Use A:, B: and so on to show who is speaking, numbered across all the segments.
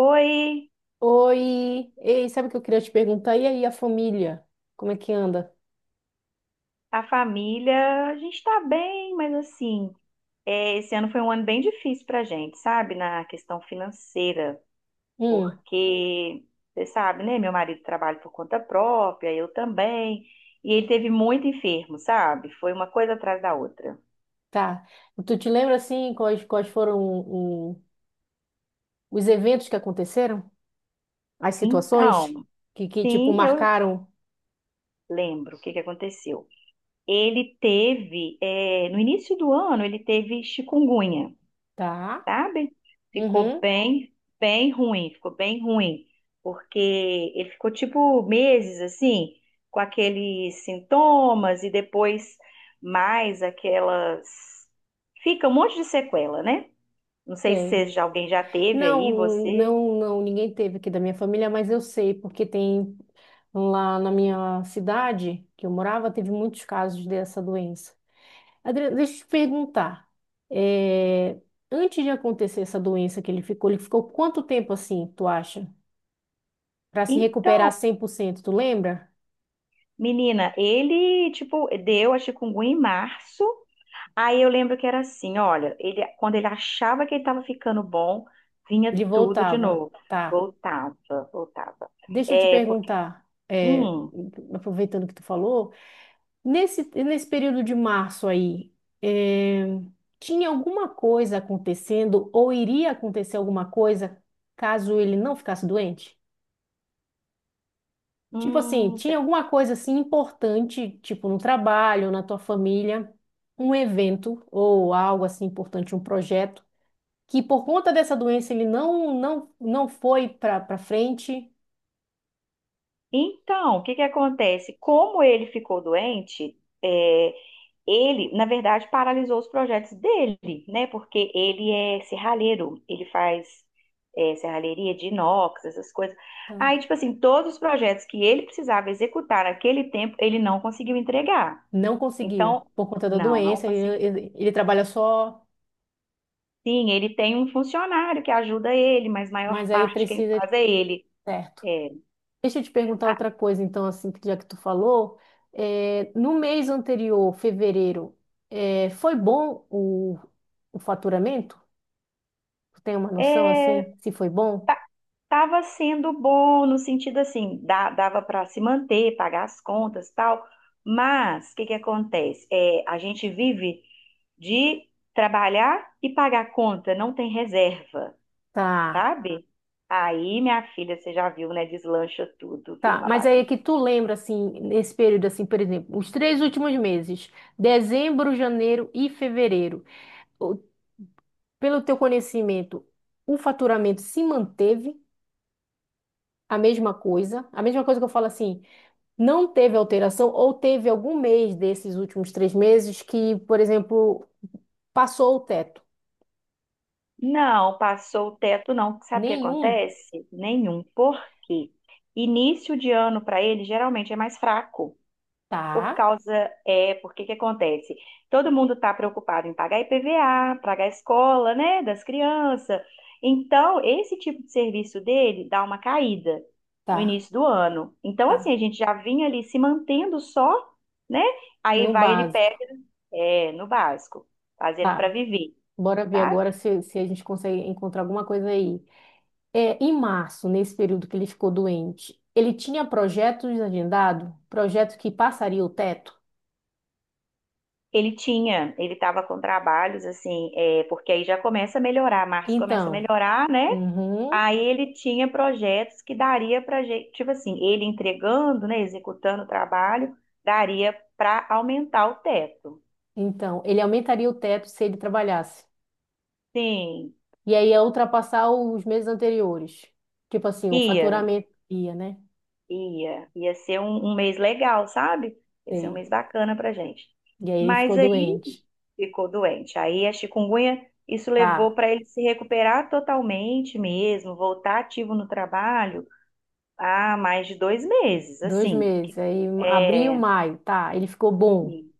A: Oi,
B: Oi, ei, sabe o que eu queria te perguntar? E aí, a família? Como é que anda?
A: a família, a gente tá bem, mas assim, esse ano foi um ano bem difícil pra gente, sabe? Na questão financeira,
B: Hum,
A: porque, você sabe, né? Meu marido trabalha por conta própria, eu também, e ele teve muito enfermo, sabe? Foi uma coisa atrás da outra.
B: tá. Tu te lembra, assim, quais foram os eventos que aconteceram? As situações
A: Então,
B: que tipo,
A: sim, eu
B: marcaram?
A: lembro o que que aconteceu. Ele teve, no início do ano, ele teve chikungunya.
B: Tá?
A: Sabe? Ficou
B: Uhum,
A: bem, Bem ruim, ficou bem ruim, porque ele ficou tipo meses assim, com aqueles sintomas e depois mais aquelas. Fica um monte de sequela, né? Não sei se
B: sei.
A: alguém já teve
B: Não,
A: aí, você.
B: não, não, ninguém teve aqui da minha família, mas eu sei, porque tem lá na minha cidade que eu morava, teve muitos casos dessa doença. Adriana, deixa eu te perguntar. é, Antes de acontecer essa doença que ele ficou quanto tempo assim, tu acha? Para se recuperar
A: Então,
B: 100%? Tu lembra?
A: menina, ele, tipo, deu a chikungunya em março. Aí eu lembro que era assim, olha, ele, quando ele achava que ele estava ficando bom, vinha
B: Ele
A: tudo de
B: voltava,
A: novo.
B: tá.
A: Voltava, voltava.
B: Deixa eu te
A: É, porque,
B: perguntar,
A: hum,
B: aproveitando que tu falou, nesse, nesse período de março aí, é, tinha alguma coisa acontecendo ou iria acontecer alguma coisa caso ele não ficasse doente? Tipo assim,
A: hum,
B: tinha
A: cê-
B: alguma coisa assim importante, tipo no trabalho, na tua família, um evento ou algo assim importante, um projeto, que por conta dessa doença ele não foi para frente,
A: então, o que que acontece? Como ele ficou doente, é, ele, na verdade, paralisou os projetos dele, né? Porque ele é serralheiro, ele faz, serralheria de inox, essas coisas.
B: tá?
A: Aí, tipo assim, todos os projetos que ele precisava executar naquele tempo, ele não conseguiu entregar.
B: Não conseguiu
A: Então,
B: por conta da
A: não, não
B: doença, ele,
A: conseguiu.
B: ele, ele trabalha só,
A: Sim, ele tem um funcionário que ajuda ele, mas maior
B: mas aí
A: parte quem
B: precisa, de
A: faz é ele.
B: certo?
A: É,
B: Deixa eu te perguntar
A: a-
B: outra coisa, então, assim, que já que tu falou, no mês anterior, fevereiro, foi bom o faturamento? Tu tem uma noção
A: é,
B: assim, se foi bom?
A: tava sendo bom no sentido assim, dava para se manter, pagar as contas, tal. Mas o que que acontece? É, a gente vive de trabalhar e pagar conta, não tem reserva,
B: Tá,
A: sabe? Aí, minha filha, você já viu, né? Deslancha tudo, vira
B: tá.
A: uma
B: Mas aí é
A: bagunça.
B: que tu lembra assim, nesse período assim, por exemplo, os 3 últimos meses, dezembro, janeiro e fevereiro. O- Pelo teu conhecimento, o faturamento se manteve a mesma coisa? A mesma coisa que eu falo assim, não teve alteração ou teve algum mês desses últimos 3 meses que, por exemplo, passou o teto?
A: Não, passou o teto, não. Sabe o que
B: Nenhum?
A: acontece? Nenhum. Por quê? Início de ano para ele geralmente é mais fraco. Por
B: Tá,
A: causa, Porque que acontece? Todo mundo está preocupado em pagar IPVA pagar a escola, né, das crianças. Então, esse tipo de serviço dele dá uma caída no
B: tá,
A: início do ano. Então, assim,
B: tá.
A: a gente já vinha ali se mantendo só, né? Aí
B: No
A: vai ele
B: básico.
A: pega, no básico, fazendo para
B: Tá.
A: viver,
B: Bora ver
A: tá?
B: agora se, se a gente consegue encontrar alguma coisa aí. Em março, nesse período que ele ficou doente, ele tinha projetos agendados, projeto que passaria o teto.
A: Ele tinha, ele estava com trabalhos assim, porque aí já começa a melhorar, março começa a
B: Então,
A: melhorar, né?
B: uhum,
A: Aí ele tinha projetos que daria para gente, tipo assim, ele entregando, né, executando o trabalho, daria para aumentar o teto.
B: então, ele aumentaria o teto se ele trabalhasse.
A: Sim,
B: E aí ia ultrapassar os meses anteriores. Tipo assim, o
A: ia,
B: faturamento ia, né?
A: ia ser um mês legal, sabe? Ia ser um
B: Sei.
A: mês bacana para gente.
B: E aí ele
A: Mas
B: ficou
A: aí
B: doente.
A: ficou doente. Aí a chikungunya, isso levou
B: Tá,
A: para ele se recuperar totalmente mesmo, voltar ativo no trabalho. Há mais de 2 meses,
B: 2
A: assim.
B: meses. Aí abril,
A: É,
B: maio. Tá, ele ficou bom.
A: e-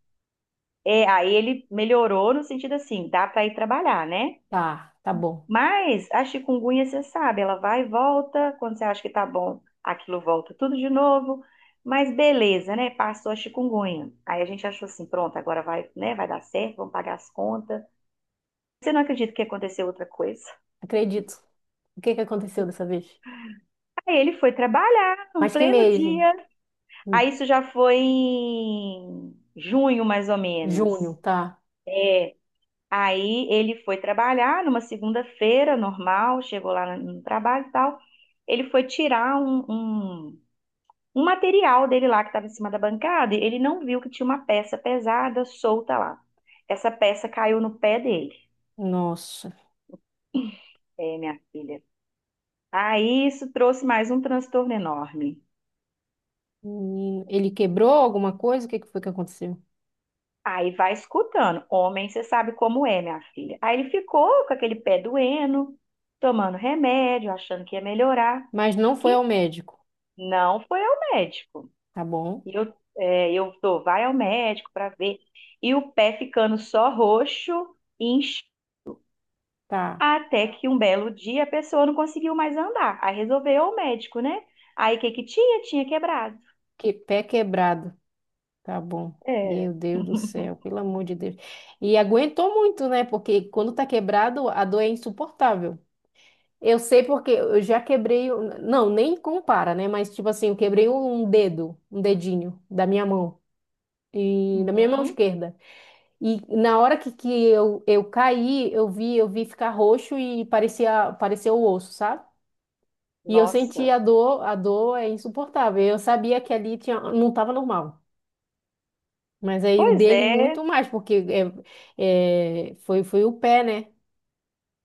A: aí ele melhorou no sentido assim, dá para ir trabalhar, né?
B: Tá, tá bom.
A: Mas a chikungunya, você sabe, ela vai e volta, quando você acha que tá bom, aquilo volta tudo de novo. Mas beleza, né? Passou a chikungunya. Aí a gente achou assim, pronto, agora vai, né? Vai dar certo, vamos pagar as contas. Você não acredita que aconteceu outra coisa?
B: Acredito. O que que aconteceu dessa vez?
A: Aí ele foi trabalhar no
B: Mas que
A: pleno
B: mês?
A: dia. Aí
B: Hum,
A: isso já foi em junho, mais ou menos.
B: Junho, tá.
A: Aí ele foi trabalhar numa segunda-feira, normal, chegou lá no trabalho e tal. Ele foi tirar um material dele lá que estava em cima da bancada e ele não viu que tinha uma peça pesada solta lá. Essa peça caiu no pé dele,
B: Nossa.
A: é, minha filha. Aí isso trouxe mais um transtorno enorme.
B: Menino, ele quebrou alguma coisa? O que que foi que aconteceu?
A: Aí vai escutando. Homem, você sabe como é, minha filha. Aí ele ficou com aquele pé doendo, tomando remédio, achando que ia melhorar.
B: Mas não foi
A: Que
B: ao médico.
A: não foi ao médico.
B: Tá bom.
A: E eu tô, vai ao médico para ver. E o pé ficando só roxo, incha,
B: Tá.
A: até que um belo dia a pessoa não conseguiu mais andar. Aí resolveu o médico, né? Aí o que que tinha? Tinha quebrado.
B: Que pé quebrado. Tá bom.
A: É.
B: Meu Deus do céu, pelo amor de Deus. E aguentou muito, né? Porque quando tá quebrado, a dor é insuportável. Eu sei porque eu já quebrei, não, nem compara, né? Mas tipo assim, eu quebrei um dedo, um dedinho da minha mão e da minha mão
A: Uhum.
B: esquerda. E na hora que eu caí, eu vi ficar roxo e parecia, parecia o osso, sabe? E eu senti
A: Nossa.
B: a dor é insuportável. Eu sabia que ali tinha, não estava normal. Mas aí o
A: Pois
B: dele
A: é.
B: muito mais, porque foi o pé, né?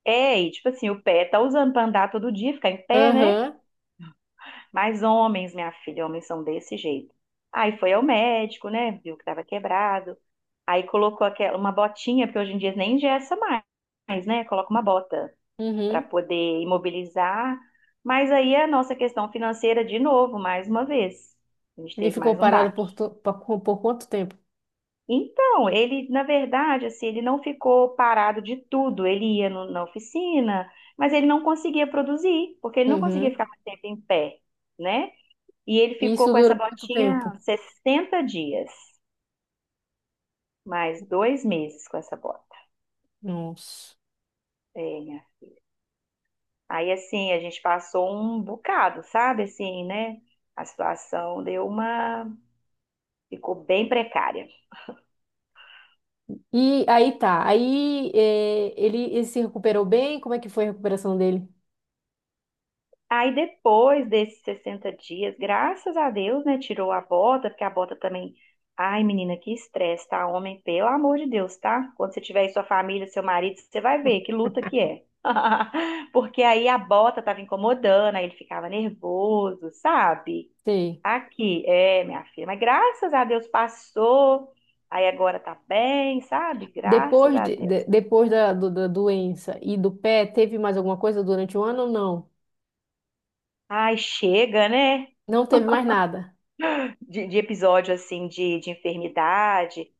A: É, e tipo assim, o pé tá usando para andar todo dia, ficar em pé, né?
B: Aham,
A: Mas homens, minha filha, homens são desse jeito. Aí foi ao médico, né? Viu que tava quebrado. Aí colocou aquela, uma botinha, porque hoje em dia nem engessa mais, né? Coloca uma bota para
B: uhum.
A: poder imobilizar. Mas aí a nossa questão financeira, de novo, mais uma vez. A gente
B: Ele
A: teve
B: ficou
A: mais um
B: parado
A: baque.
B: por quanto tempo?
A: Então, ele, na verdade, assim, ele não ficou parado de tudo. Ele ia na oficina, mas ele não conseguia produzir, porque ele não conseguia
B: Uhum.
A: ficar mais tempo em pé, né? E ele
B: E
A: ficou
B: isso
A: com
B: durou
A: essa
B: quanto
A: botinha
B: tempo?
A: 60 dias, mais 2 meses com essa bota.
B: Nossa.
A: É, minha. Aí, assim, a gente passou um bocado, sabe? Assim, né? A situação deu uma. Ficou bem precária.
B: E aí tá, aí ele se recuperou bem? Como é que foi a recuperação dele?
A: Aí depois desses 60 dias, graças a Deus, né, tirou a bota, porque a bota também. Ai, menina, que estresse, tá? Homem, pelo amor de Deus, tá? Quando você tiver aí sua família, seu marido, você vai ver que luta que é. Porque aí a bota tava incomodando, aí ele ficava nervoso, sabe?
B: Sei.
A: Aqui, minha filha, mas graças a Deus passou. Aí agora tá bem, sabe? Graças
B: Depois,
A: a Deus.
B: depois da doença e do pé, teve mais alguma coisa durante o ano ou não?
A: Ai, chega, né?
B: Não teve mais nada.
A: De episódio assim de enfermidade.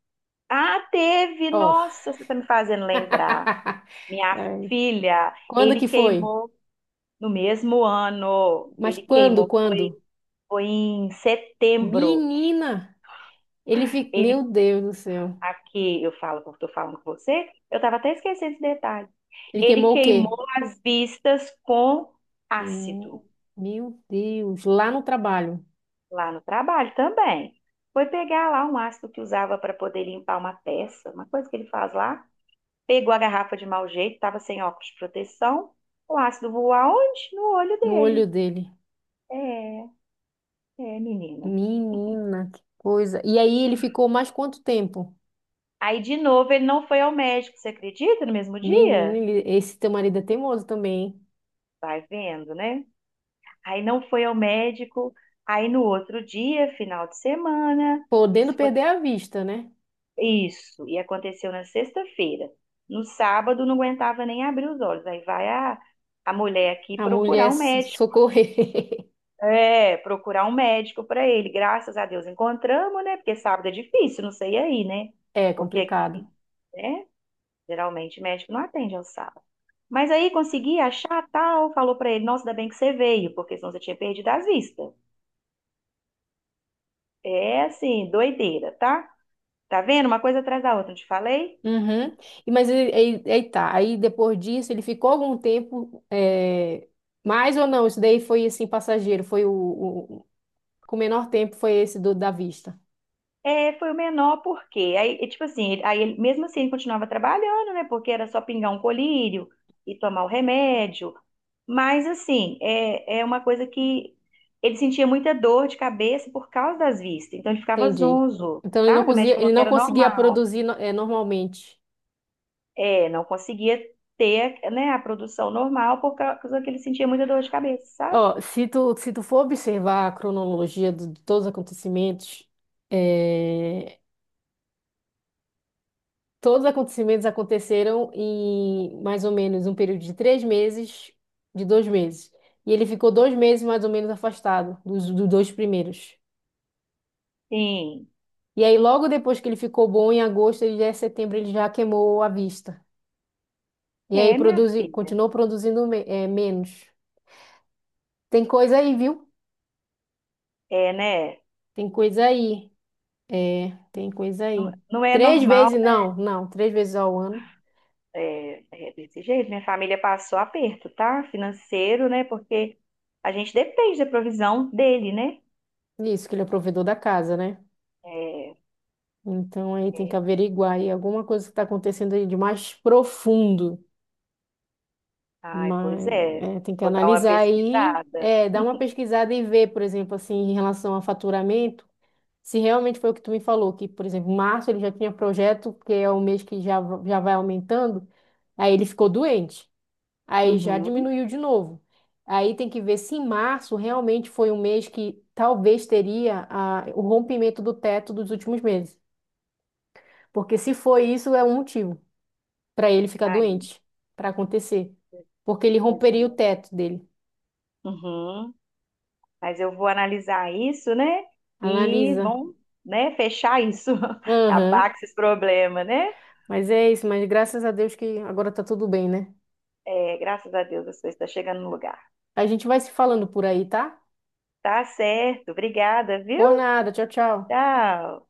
A: Ah, teve!
B: Ó.
A: Nossa, você está me fazendo lembrar. Minha
B: É.
A: filha,
B: Quando
A: ele
B: que foi?
A: queimou no mesmo ano.
B: Mas
A: Ele
B: quando,
A: queimou,
B: quando?
A: foi em setembro.
B: Menina! Ele fica. Meu
A: Ele,
B: Deus do céu.
A: aqui, eu falo, eu estou falando com você, eu estava até esquecendo esse detalhe.
B: Ele
A: Ele
B: queimou o quê?
A: queimou as vistas com
B: Queimou.
A: ácido
B: Meu Deus. Lá no trabalho.
A: lá no trabalho também. Foi pegar lá um ácido que usava para poder limpar uma peça, uma coisa que ele faz lá. Pegou a garrafa de mau jeito, estava sem óculos de proteção. O ácido voou aonde? No olho
B: No olho
A: dele.
B: dele.
A: É, é, menina.
B: Menina, que coisa. E aí ele ficou mais quanto tempo?
A: Aí, de novo, ele não foi ao médico, você acredita? No mesmo
B: Menino,
A: dia?
B: esse teu marido é teimoso também, hein?
A: Vai vendo, né? Aí não foi ao médico. Aí no outro dia, final de semana, isso
B: Podendo
A: foi
B: perder a vista, né?
A: isso, e aconteceu na sexta-feira. No sábado não aguentava nem abrir os olhos. Aí vai a mulher aqui
B: A
A: procurar
B: mulher
A: um médico.
B: socorrer.
A: É, procurar um médico para ele. Graças a Deus encontramos, né? Porque sábado é difícil, não sei aí, né?
B: É
A: Porque
B: complicado.
A: aqui, né? Geralmente médico não atende ao sábado. Mas aí consegui achar tal, falou para ele, nossa, ainda bem que você veio, porque senão você tinha perdido as vistas. É assim, doideira, tá? Tá vendo? Uma coisa atrás da outra, não te falei?
B: Uhum. E, mas aí, aí tá. Aí depois disso, ele ficou algum tempo. É. Mais ou não? Isso daí foi assim, passageiro. Foi com menor tempo foi esse do da vista.
A: É, foi o menor porque aí, tipo assim, mesmo assim ele continuava trabalhando, né? Porque era só pingar um colírio e tomar o remédio. Mas assim, é uma coisa que ele sentia muita dor de cabeça por causa das vistas. Então ele ficava
B: Entendi.
A: zonzo,
B: Então ele não
A: sabe? O médico
B: conseguia, ele
A: falou que
B: não
A: era
B: conseguia
A: normal.
B: produzir no- é, normalmente.
A: É, não conseguia ter, né, a produção normal por causa que ele sentia muita dor de cabeça, sabe?
B: Ó, se tu for observar a cronologia de todos os acontecimentos, é, todos os acontecimentos aconteceram em mais ou menos um período de 3 meses, de 2 meses. E ele ficou 2 meses mais ou menos afastado dos, dos dois primeiros.
A: Sim.
B: E aí, logo depois que ele ficou bom, em agosto e em setembro, ele já queimou a vista. E aí,
A: É, minha filha.
B: continuou produzindo menos. Tem coisa aí, viu?
A: É, né?
B: Tem coisa aí. É, tem coisa
A: Não,
B: aí.
A: não é
B: Três
A: normal.
B: vezes, não, não, três vezes ao ano.
A: É, é desse jeito, minha família passou aperto, tá? Financeiro, né? Porque a gente depende da provisão dele, né?
B: Isso, que ele é provedor da casa, né?
A: É,
B: Então aí tem que
A: é.
B: averiguar aí alguma coisa que está acontecendo aí de mais profundo.
A: Ai, pois
B: Mas
A: é.
B: tem que
A: Vou dar uma
B: analisar aí,
A: pesquisada.
B: dar uma pesquisada e ver, por exemplo, assim, em relação a faturamento, se realmente foi o que tu me falou, que, por exemplo, março ele já tinha projeto, que é o mês que já, já vai aumentando, aí ele ficou doente, aí já
A: Uhum.
B: diminuiu de novo. Aí tem que ver se em março realmente foi um mês que talvez teria o rompimento do teto dos últimos meses. Porque se foi isso, é um motivo para ele ficar
A: Ai,
B: doente, para acontecer, porque ele
A: pois
B: romperia
A: é.
B: o teto dele.
A: Uhum. Mas eu vou analisar isso, né? E
B: Analisa.
A: vamos, né, fechar isso, acabar
B: Aham.
A: com esses problemas, né?
B: Mas é isso, mas graças a Deus que agora tá tudo bem, né?
A: É, graças a Deus, as coisas estão chegando no lugar.
B: A gente vai se falando por aí, tá?
A: Tá certo. Obrigada, viu?
B: Por nada. Tchau, tchau.
A: Tchau.